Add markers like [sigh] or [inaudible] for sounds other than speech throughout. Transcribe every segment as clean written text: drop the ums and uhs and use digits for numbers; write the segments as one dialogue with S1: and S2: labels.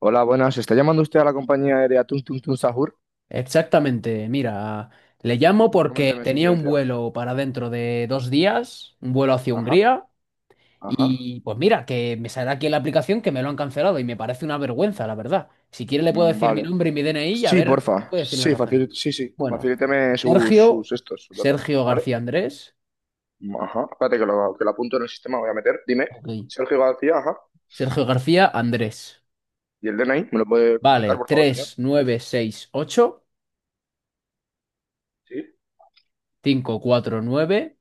S1: Hola, buenas. ¿Está llamando usted a la compañía aérea Tum Tum Tum Sahur?
S2: Exactamente, mira, le llamo porque
S1: Coménteme su
S2: tenía un
S1: incidencia.
S2: vuelo para dentro de 2 días, un vuelo hacia
S1: Ajá,
S2: Hungría,
S1: ajá.
S2: y pues mira, que me saldrá aquí en la aplicación que me lo han cancelado y me parece una vergüenza, la verdad. Si quiere le puedo
S1: Mm,
S2: decir mi
S1: vale.
S2: nombre y mi DNI y a
S1: Sí,
S2: ver, me
S1: porfa.
S2: puede decir
S1: Sí,
S2: las razones.
S1: sí, sí.
S2: Bueno,
S1: Facilíteme sus,
S2: Sergio,
S1: sus estos, sus datos,
S2: Sergio
S1: ¿vale?
S2: García Andrés.
S1: Mm, ajá. Espérate que lo apunto en el sistema, voy a meter. Dime.
S2: Ok,
S1: Sergio García, ajá.
S2: Sergio García Andrés,
S1: ¿Y el DNI? ¿Me lo puede comunicar,
S2: vale,
S1: por favor, señor?
S2: tres nueve seis ocho
S1: Sí.
S2: cinco cuatro nueve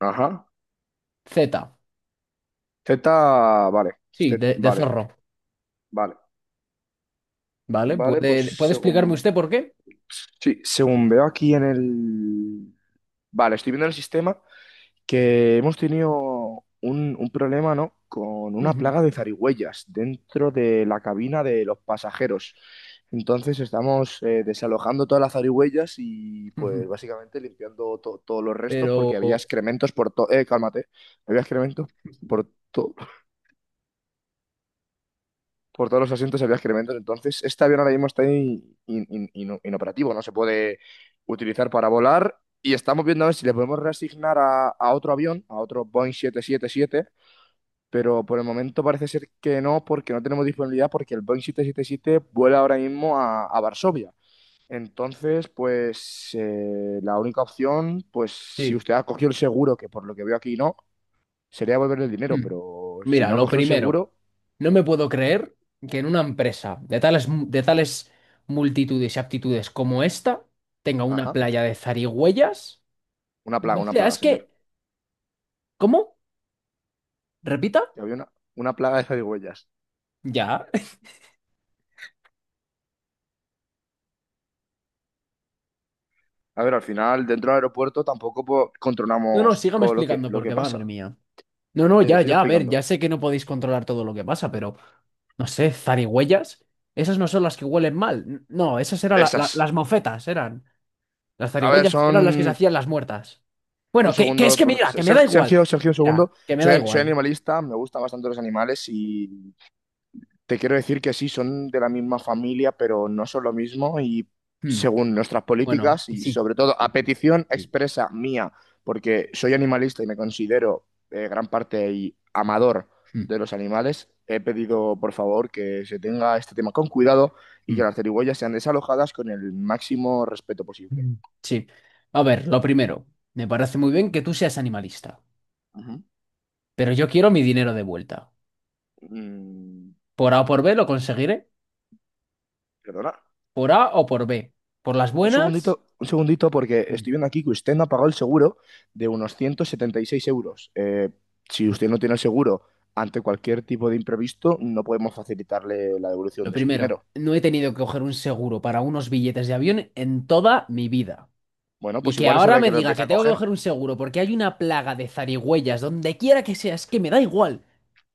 S1: Ajá.
S2: Z,
S1: Z, vale. Z,
S2: sí, de
S1: vale,
S2: zorro.
S1: vale.
S2: ¿Vale?
S1: Vale,
S2: ¿Puede,
S1: pues
S2: puede explicarme
S1: según...
S2: usted por qué?
S1: Sí, según veo aquí en el... Vale, estoy viendo el sistema. Que hemos tenido un problema, ¿no? Con una
S2: Ujú,
S1: plaga de zarigüeyas dentro de la cabina de los pasajeros. Entonces estamos desalojando todas las zarigüeyas y pues
S2: ujú.
S1: básicamente limpiando todos los restos
S2: Pero
S1: porque había excrementos por todo... Cálmate. Había excrementos por todo... Por todos los asientos había excrementos. Entonces este avión ahora mismo está inoperativo, no se puede utilizar para volar. Y estamos viendo a ver si le podemos reasignar a otro avión, a otro Boeing 777, pero por el momento parece ser que no, porque no tenemos disponibilidad, porque el Boeing 777 vuela ahora mismo a Varsovia. Entonces, pues la única opción, pues si
S2: sí.
S1: usted ha cogido el seguro, que por lo que veo aquí no, sería volver el dinero,
S2: Mm.
S1: pero si no
S2: Mira,
S1: ha
S2: lo
S1: cogido el
S2: primero,
S1: seguro,
S2: no me puedo creer que en una empresa de tales multitudes y aptitudes como esta tenga una
S1: ajá,
S2: playa de zarigüeyas. O
S1: una
S2: sea,
S1: plaga,
S2: es
S1: señor.
S2: que, ¿cómo? ¿Repita?
S1: Que había una plaga de zarigüeyas.
S2: Ya. [laughs]
S1: A ver, al final, dentro del aeropuerto tampoco
S2: No, no,
S1: controlamos
S2: sígame
S1: todo
S2: explicando
S1: lo que
S2: porque, madre
S1: pasa.
S2: mía. No, no,
S1: Sí,
S2: ya,
S1: sigo
S2: ya, a ver,
S1: explicando.
S2: ya sé que no podéis controlar todo lo que pasa, pero, no sé, zarigüeyas, esas no son las que huelen mal. No, esas eran
S1: Esas.
S2: las mofetas, eran. Las
S1: A ver,
S2: zarigüeyas eran las que se
S1: son...
S2: hacían las muertas.
S1: Un
S2: Bueno, que es
S1: segundo,
S2: que
S1: por...
S2: mira, que me da igual.
S1: Sergio, Sergio, un segundo.
S2: Mira, que me da
S1: Soy
S2: igual.
S1: animalista, me gustan bastante los animales y te quiero decir que sí, son de la misma familia, pero no son lo mismo y
S2: Hmm.
S1: según nuestras
S2: Bueno,
S1: políticas
S2: que
S1: y
S2: sí.
S1: sobre todo a
S2: Sí, sí,
S1: petición
S2: sí, sí.
S1: expresa mía, porque soy animalista y me considero gran parte y amador
S2: Hmm,
S1: de los animales, he pedido por favor que se tenga este tema con cuidado y que
S2: hmm,
S1: las zarigüeyas sean desalojadas con el máximo respeto posible.
S2: hmm. Sí. A ver, lo primero, me parece muy bien que tú seas animalista,
S1: Ujú.
S2: pero yo quiero mi dinero de vuelta.
S1: Mm,
S2: Por A o por B lo conseguiré,
S1: Perdona.
S2: por A o por B. Por las
S1: Un segundito,
S2: buenas.
S1: un segundito, porque
S2: Hmm.
S1: estoy viendo aquí que usted no ha pagado el seguro de unos 176 euros. Si usted no tiene el seguro ante cualquier tipo de imprevisto, no podemos facilitarle la devolución
S2: Lo
S1: de su
S2: primero,
S1: dinero.
S2: no he tenido que coger un seguro para unos billetes de avión en toda mi vida.
S1: Bueno,
S2: Y
S1: pues
S2: que
S1: igual es
S2: ahora
S1: hora de
S2: me
S1: que lo
S2: diga
S1: empiece
S2: que
S1: a
S2: tengo que
S1: coger.
S2: coger un seguro porque hay una plaga de zarigüeyas donde quiera que sea, es que me da igual.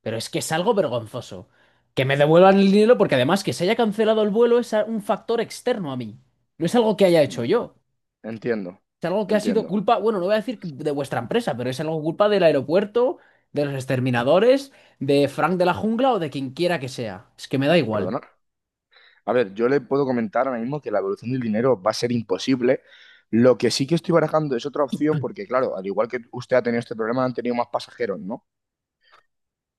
S2: Pero es que es algo vergonzoso. Que me devuelvan el dinero porque además que se haya cancelado el vuelo es un factor externo a mí. No es algo que haya hecho
S1: Mm,
S2: yo.
S1: Entiendo,
S2: Es algo que ha sido
S1: entiendo.
S2: culpa, bueno, no voy a decir que de vuestra empresa, pero es algo culpa del aeropuerto, de los exterminadores, de Frank de la Jungla o de quien quiera que sea. Es que me da igual.
S1: Perdona. A ver, yo le puedo comentar ahora mismo que la devolución del dinero va a ser imposible. Lo que sí que estoy barajando es otra opción, porque claro, al igual que usted ha tenido este problema, han tenido más pasajeros, ¿no?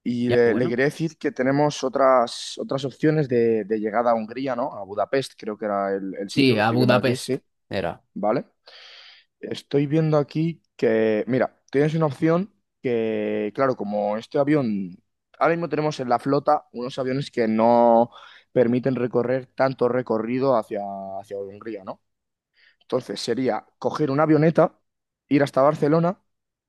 S1: Y
S2: Ya,
S1: le
S2: bueno.
S1: quería decir que tenemos otras opciones de llegada a Hungría, ¿no? A Budapest, creo que era el sitio
S2: Sí,
S1: que
S2: a
S1: estoy viendo aquí,
S2: Budapest
S1: sí,
S2: era.
S1: ¿vale? Estoy viendo aquí que, mira, tienes una opción que, claro, como este avión, ahora mismo tenemos en la flota unos aviones que no permiten recorrer tanto recorrido hacia Hungría, ¿no? Entonces sería coger una avioneta, ir hasta Barcelona,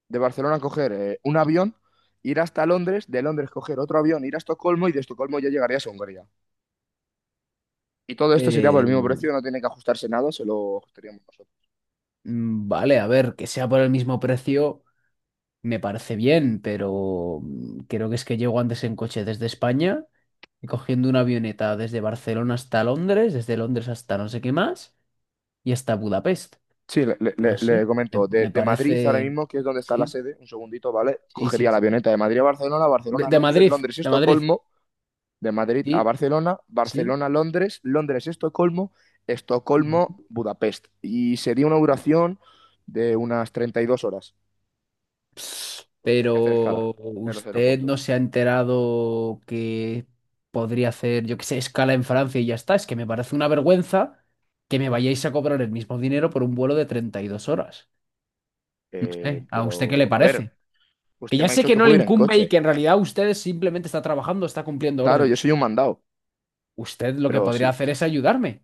S1: de Barcelona coger un avión, ir hasta Londres, de Londres coger otro avión, ir a Estocolmo y de Estocolmo ya llegarías a Hungría. Y todo esto sería por
S2: Eh,
S1: el mismo precio, no tiene que ajustarse nada, se lo ajustaríamos nosotros.
S2: Mm. Vale, a ver, que sea por el mismo precio me parece bien, pero creo que es que llego antes en coche desde España y cogiendo una avioneta desde Barcelona hasta Londres, desde Londres hasta no sé qué más y hasta Budapest.
S1: Sí,
S2: No
S1: le
S2: sé, me,
S1: comento,
S2: me
S1: de Madrid ahora
S2: parece.
S1: mismo, que es donde está la
S2: Sí,
S1: sede, un segundito, ¿vale?
S2: sí, sí,
S1: Cogería la
S2: sí.
S1: avioneta de Madrid a Barcelona,
S2: De,
S1: Barcelona a
S2: de
S1: Londres,
S2: Madrid,
S1: Londres a
S2: de Madrid.
S1: Estocolmo, de Madrid a
S2: Sí,
S1: Barcelona,
S2: sí.
S1: Barcelona, a Londres, Londres, a Estocolmo, Estocolmo, Budapest. Y sería una
S2: Ujú.
S1: duración de unas 32 horas, porque hay que hacer escala
S2: Pero
S1: en los
S2: usted no
S1: aeropuertos.
S2: se ha enterado que podría hacer, yo qué sé, escala en Francia y ya está. Es que me parece una vergüenza que me vayáis a cobrar el mismo dinero por un vuelo de 32 horas. No sé, ¿a usted qué le
S1: Pero, a ver,
S2: parece? Que
S1: usted
S2: ya
S1: me ha
S2: sé
S1: dicho
S2: que
S1: que
S2: no le
S1: puedo ir en
S2: incumbe y
S1: coche.
S2: que en realidad usted simplemente está trabajando, está cumpliendo
S1: Claro, yo
S2: órdenes.
S1: soy un mandado,
S2: Usted lo que
S1: pero
S2: podría
S1: sí,
S2: hacer es ayudarme.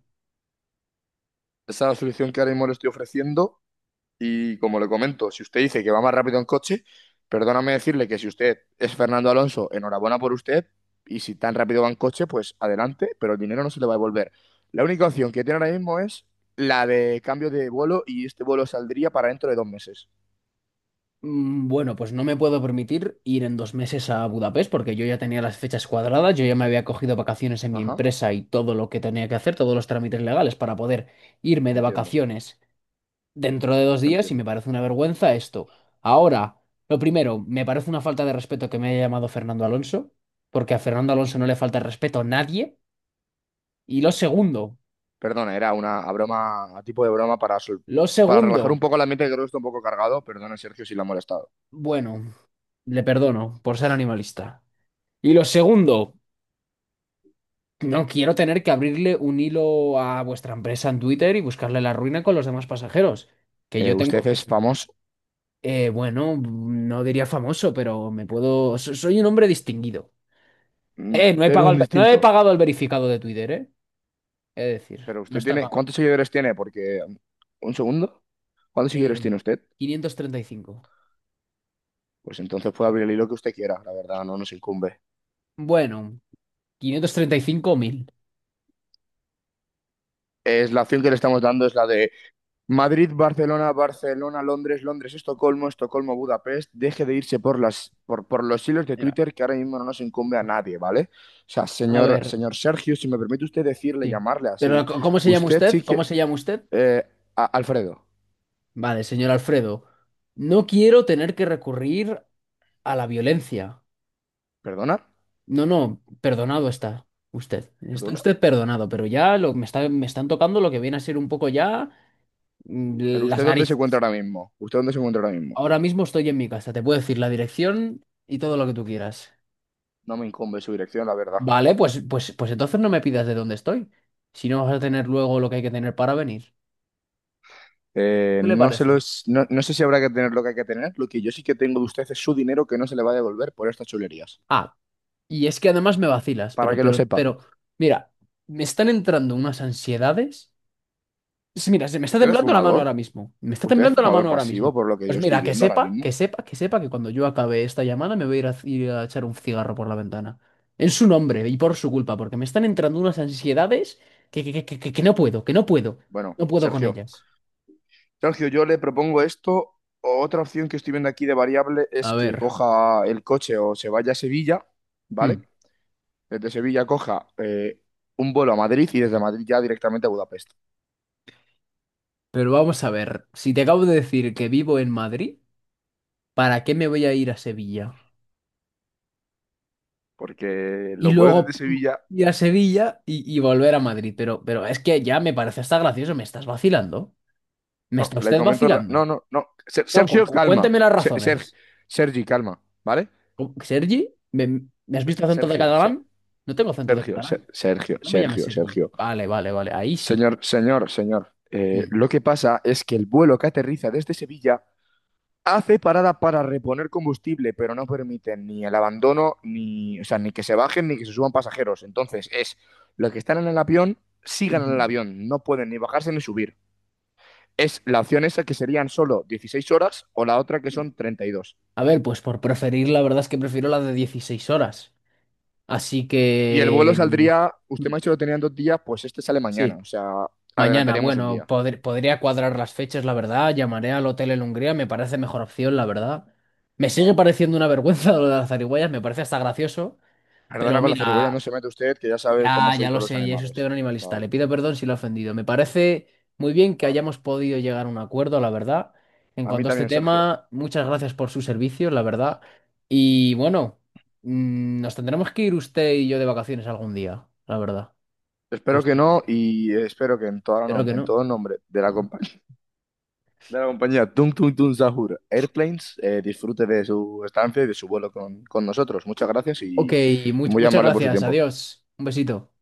S1: esa es la solución que ahora mismo le estoy ofreciendo. Y como le comento, si usted dice que va más rápido en coche, perdóname decirle que si usted es Fernando Alonso, enhorabuena por usted. Y si tan rápido va en coche, pues adelante, pero el dinero no se le va a devolver. La única opción que tiene ahora mismo es la de cambio de vuelo y este vuelo saldría para dentro de 2 meses.
S2: Bueno, pues no me puedo permitir ir en 2 meses a Budapest porque yo ya tenía las fechas cuadradas, yo ya me había cogido vacaciones en mi
S1: Ajá,
S2: empresa y todo lo que tenía que hacer, todos los trámites legales para poder irme de
S1: entiendo,
S2: vacaciones dentro de 2 días y me
S1: entiendo.
S2: parece una vergüenza esto. Ahora, lo primero, me parece una falta de respeto que me haya llamado Fernando Alonso, porque a Fernando Alonso no le falta el respeto a nadie. Y lo segundo,
S1: Perdona, era una broma, a tipo de broma para,
S2: lo
S1: para relajar
S2: segundo,
S1: un poco el ambiente que creo que está un poco cargado. Perdona, Sergio, si la ha molestado.
S2: bueno, le perdono por ser animalista. Y lo segundo. No quiero tener que abrirle un hilo a vuestra empresa en Twitter y buscarle la ruina con los demás pasajeros. Que yo tengo,
S1: Usted es famoso.
S2: bueno, no diría famoso, pero me puedo. Soy un hombre distinguido.
S1: Mm.
S2: No he
S1: Eres
S2: pagado
S1: un distinto.
S2: el verificado de Twitter, ¿eh? Es decir,
S1: Pero
S2: no
S1: usted
S2: está
S1: tiene,
S2: pagado.
S1: ¿cuántos seguidores tiene? Porque, un segundo, ¿cuántos seguidores
S2: Eh,
S1: tiene usted?
S2: 535.
S1: Pues entonces puede abrir el hilo que usted quiera, la verdad, no nos incumbe.
S2: Bueno, 535.000.
S1: Es la opción que le estamos dando, es la de Madrid, Barcelona, Barcelona, Londres, Londres, Estocolmo, Estocolmo, Budapest. Deje de irse por los hilos de
S2: Mira,
S1: Twitter que ahora mismo no nos incumbe a nadie, ¿vale? O sea,
S2: a
S1: señor,
S2: ver,
S1: señor Sergio, si me permite usted decirle,
S2: sí.
S1: llamarle
S2: Pero,
S1: así,
S2: ¿cómo se llama
S1: usted
S2: usted?
S1: sí
S2: ¿Cómo
S1: que...
S2: se llama usted?
S1: eh, Alfredo.
S2: Vale, señor Alfredo. No quiero tener que recurrir a la violencia.
S1: ¿Perdona?
S2: No, no, perdonado está usted. Está
S1: ¿Perdona?
S2: usted perdonado, pero ya me están tocando lo que viene a ser un poco ya mm,
S1: ¿Pero
S2: las
S1: usted dónde se encuentra
S2: narices.
S1: ahora mismo? ¿Usted dónde se encuentra ahora mismo?
S2: Ahora mismo estoy en mi casa, te puedo decir la dirección y todo lo que tú quieras.
S1: No me incumbe su dirección, la verdad.
S2: Vale, pues entonces no me pidas de dónde estoy. Si no vas a tener luego lo que hay que tener para venir. ¿Qué le
S1: No sé
S2: parece?
S1: los, no, no sé si habrá que tener lo que hay que tener. Lo que yo sí que tengo de usted es su dinero que no se le va a devolver por estas chulerías.
S2: Ah, y es que además me vacilas,
S1: Para
S2: pero,
S1: que lo
S2: pero,
S1: sepa.
S2: pero, mira, me están entrando unas ansiedades. Sí, mira, se me está
S1: ¿Usted es
S2: temblando la mano ahora
S1: fumador?
S2: mismo. Me está
S1: ¿Usted es
S2: temblando la
S1: fumador
S2: mano ahora
S1: pasivo
S2: mismo.
S1: por lo que
S2: Pues
S1: yo estoy
S2: mira, que
S1: viendo ahora
S2: sepa, que
S1: mismo?
S2: sepa, que sepa que cuando yo acabe esta llamada me voy a ir a echar un cigarro por la ventana. En su nombre y por su culpa, porque me están entrando unas ansiedades que no puedo, que no puedo.
S1: Bueno,
S2: No puedo con
S1: Sergio.
S2: ellas.
S1: Sergio, yo le propongo esto. Otra opción que estoy viendo aquí de variable
S2: A
S1: es
S2: ver.
S1: que coja el coche o se vaya a Sevilla, ¿vale?
S2: Hmm.
S1: Desde Sevilla coja un vuelo a Madrid y desde Madrid ya directamente a Budapest.
S2: Pero vamos a ver. Si te acabo de decir que vivo en Madrid, ¿para qué me voy a ir a Sevilla?
S1: Porque
S2: Y
S1: los vuelos
S2: luego
S1: desde Sevilla...
S2: ir a Sevilla y volver a Madrid. Pero es que ya me parece hasta gracioso, me estás vacilando. ¿Me
S1: No,
S2: está
S1: le
S2: usted
S1: comento.
S2: vacilando?
S1: No, no, no.
S2: No,
S1: Sergio, calma.
S2: cuénteme las razones.
S1: Sergi, calma, ¿vale?
S2: ¿Sergi? ¿Me has visto acento de
S1: Sergio,
S2: catalán? No tengo acento de
S1: Sergio,
S2: catalán.
S1: Sergio,
S2: No me llames
S1: Sergio,
S2: Sergi.
S1: Sergio.
S2: Vale, vale, vale. Ahí sí.
S1: Señor, señor, señor.
S2: Mm.
S1: Lo que pasa es que el vuelo que aterriza desde Sevilla hace parada para reponer combustible, pero no permite ni el abandono, ni, o sea, ni que se bajen ni que se suban pasajeros. Entonces, es los que están en el avión, sigan en el avión. No pueden ni bajarse ni subir. Es la opción esa que serían solo 16 horas o la otra que
S2: Ujú.
S1: son 32.
S2: A ver, pues por preferir, la verdad es que prefiero la de 16 horas. Así
S1: Y el vuelo
S2: que.
S1: saldría, usted
S2: mm,
S1: me ha dicho que lo tenían 2 días, pues este sale mañana,
S2: Sí.
S1: o sea,
S2: Mañana,
S1: adelantaríamos un
S2: bueno,
S1: día.
S2: podría cuadrar las fechas, la verdad. Llamaré al hotel en Hungría, me parece mejor opción, la verdad. Me sigue
S1: Vale.
S2: pareciendo una vergüenza lo de las zarigüeyas, me parece hasta gracioso.
S1: Perdona
S2: Pero
S1: con la zarigüeya,
S2: mira,
S1: no se mete usted, que ya sabe cómo
S2: ya,
S1: soy
S2: ya lo
S1: con los
S2: sé, ya es usted un
S1: animales.
S2: animalista. Le
S1: Vale,
S2: pido perdón si lo he ofendido. Me parece muy bien que
S1: vale.
S2: hayamos podido llegar a un acuerdo, la verdad. En
S1: A mí
S2: cuanto a este
S1: también, Sergio.
S2: tema, muchas gracias por sus servicios, la verdad. Y bueno, nos tendremos que ir usted y yo de vacaciones algún día, la verdad. Y
S1: Espero que
S2: usted,
S1: no
S2: bueno,
S1: y espero que en todo,
S2: espero que
S1: en
S2: no.
S1: todo nombre de la
S2: Bueno.
S1: compañía, [laughs] de la compañía Tung Tung Tung Sahur Airplanes disfrute de su estancia y de su vuelo con nosotros. Muchas gracias
S2: Ok,
S1: y muy
S2: muchas
S1: amable por su
S2: gracias.
S1: tiempo.
S2: Adiós. Un besito.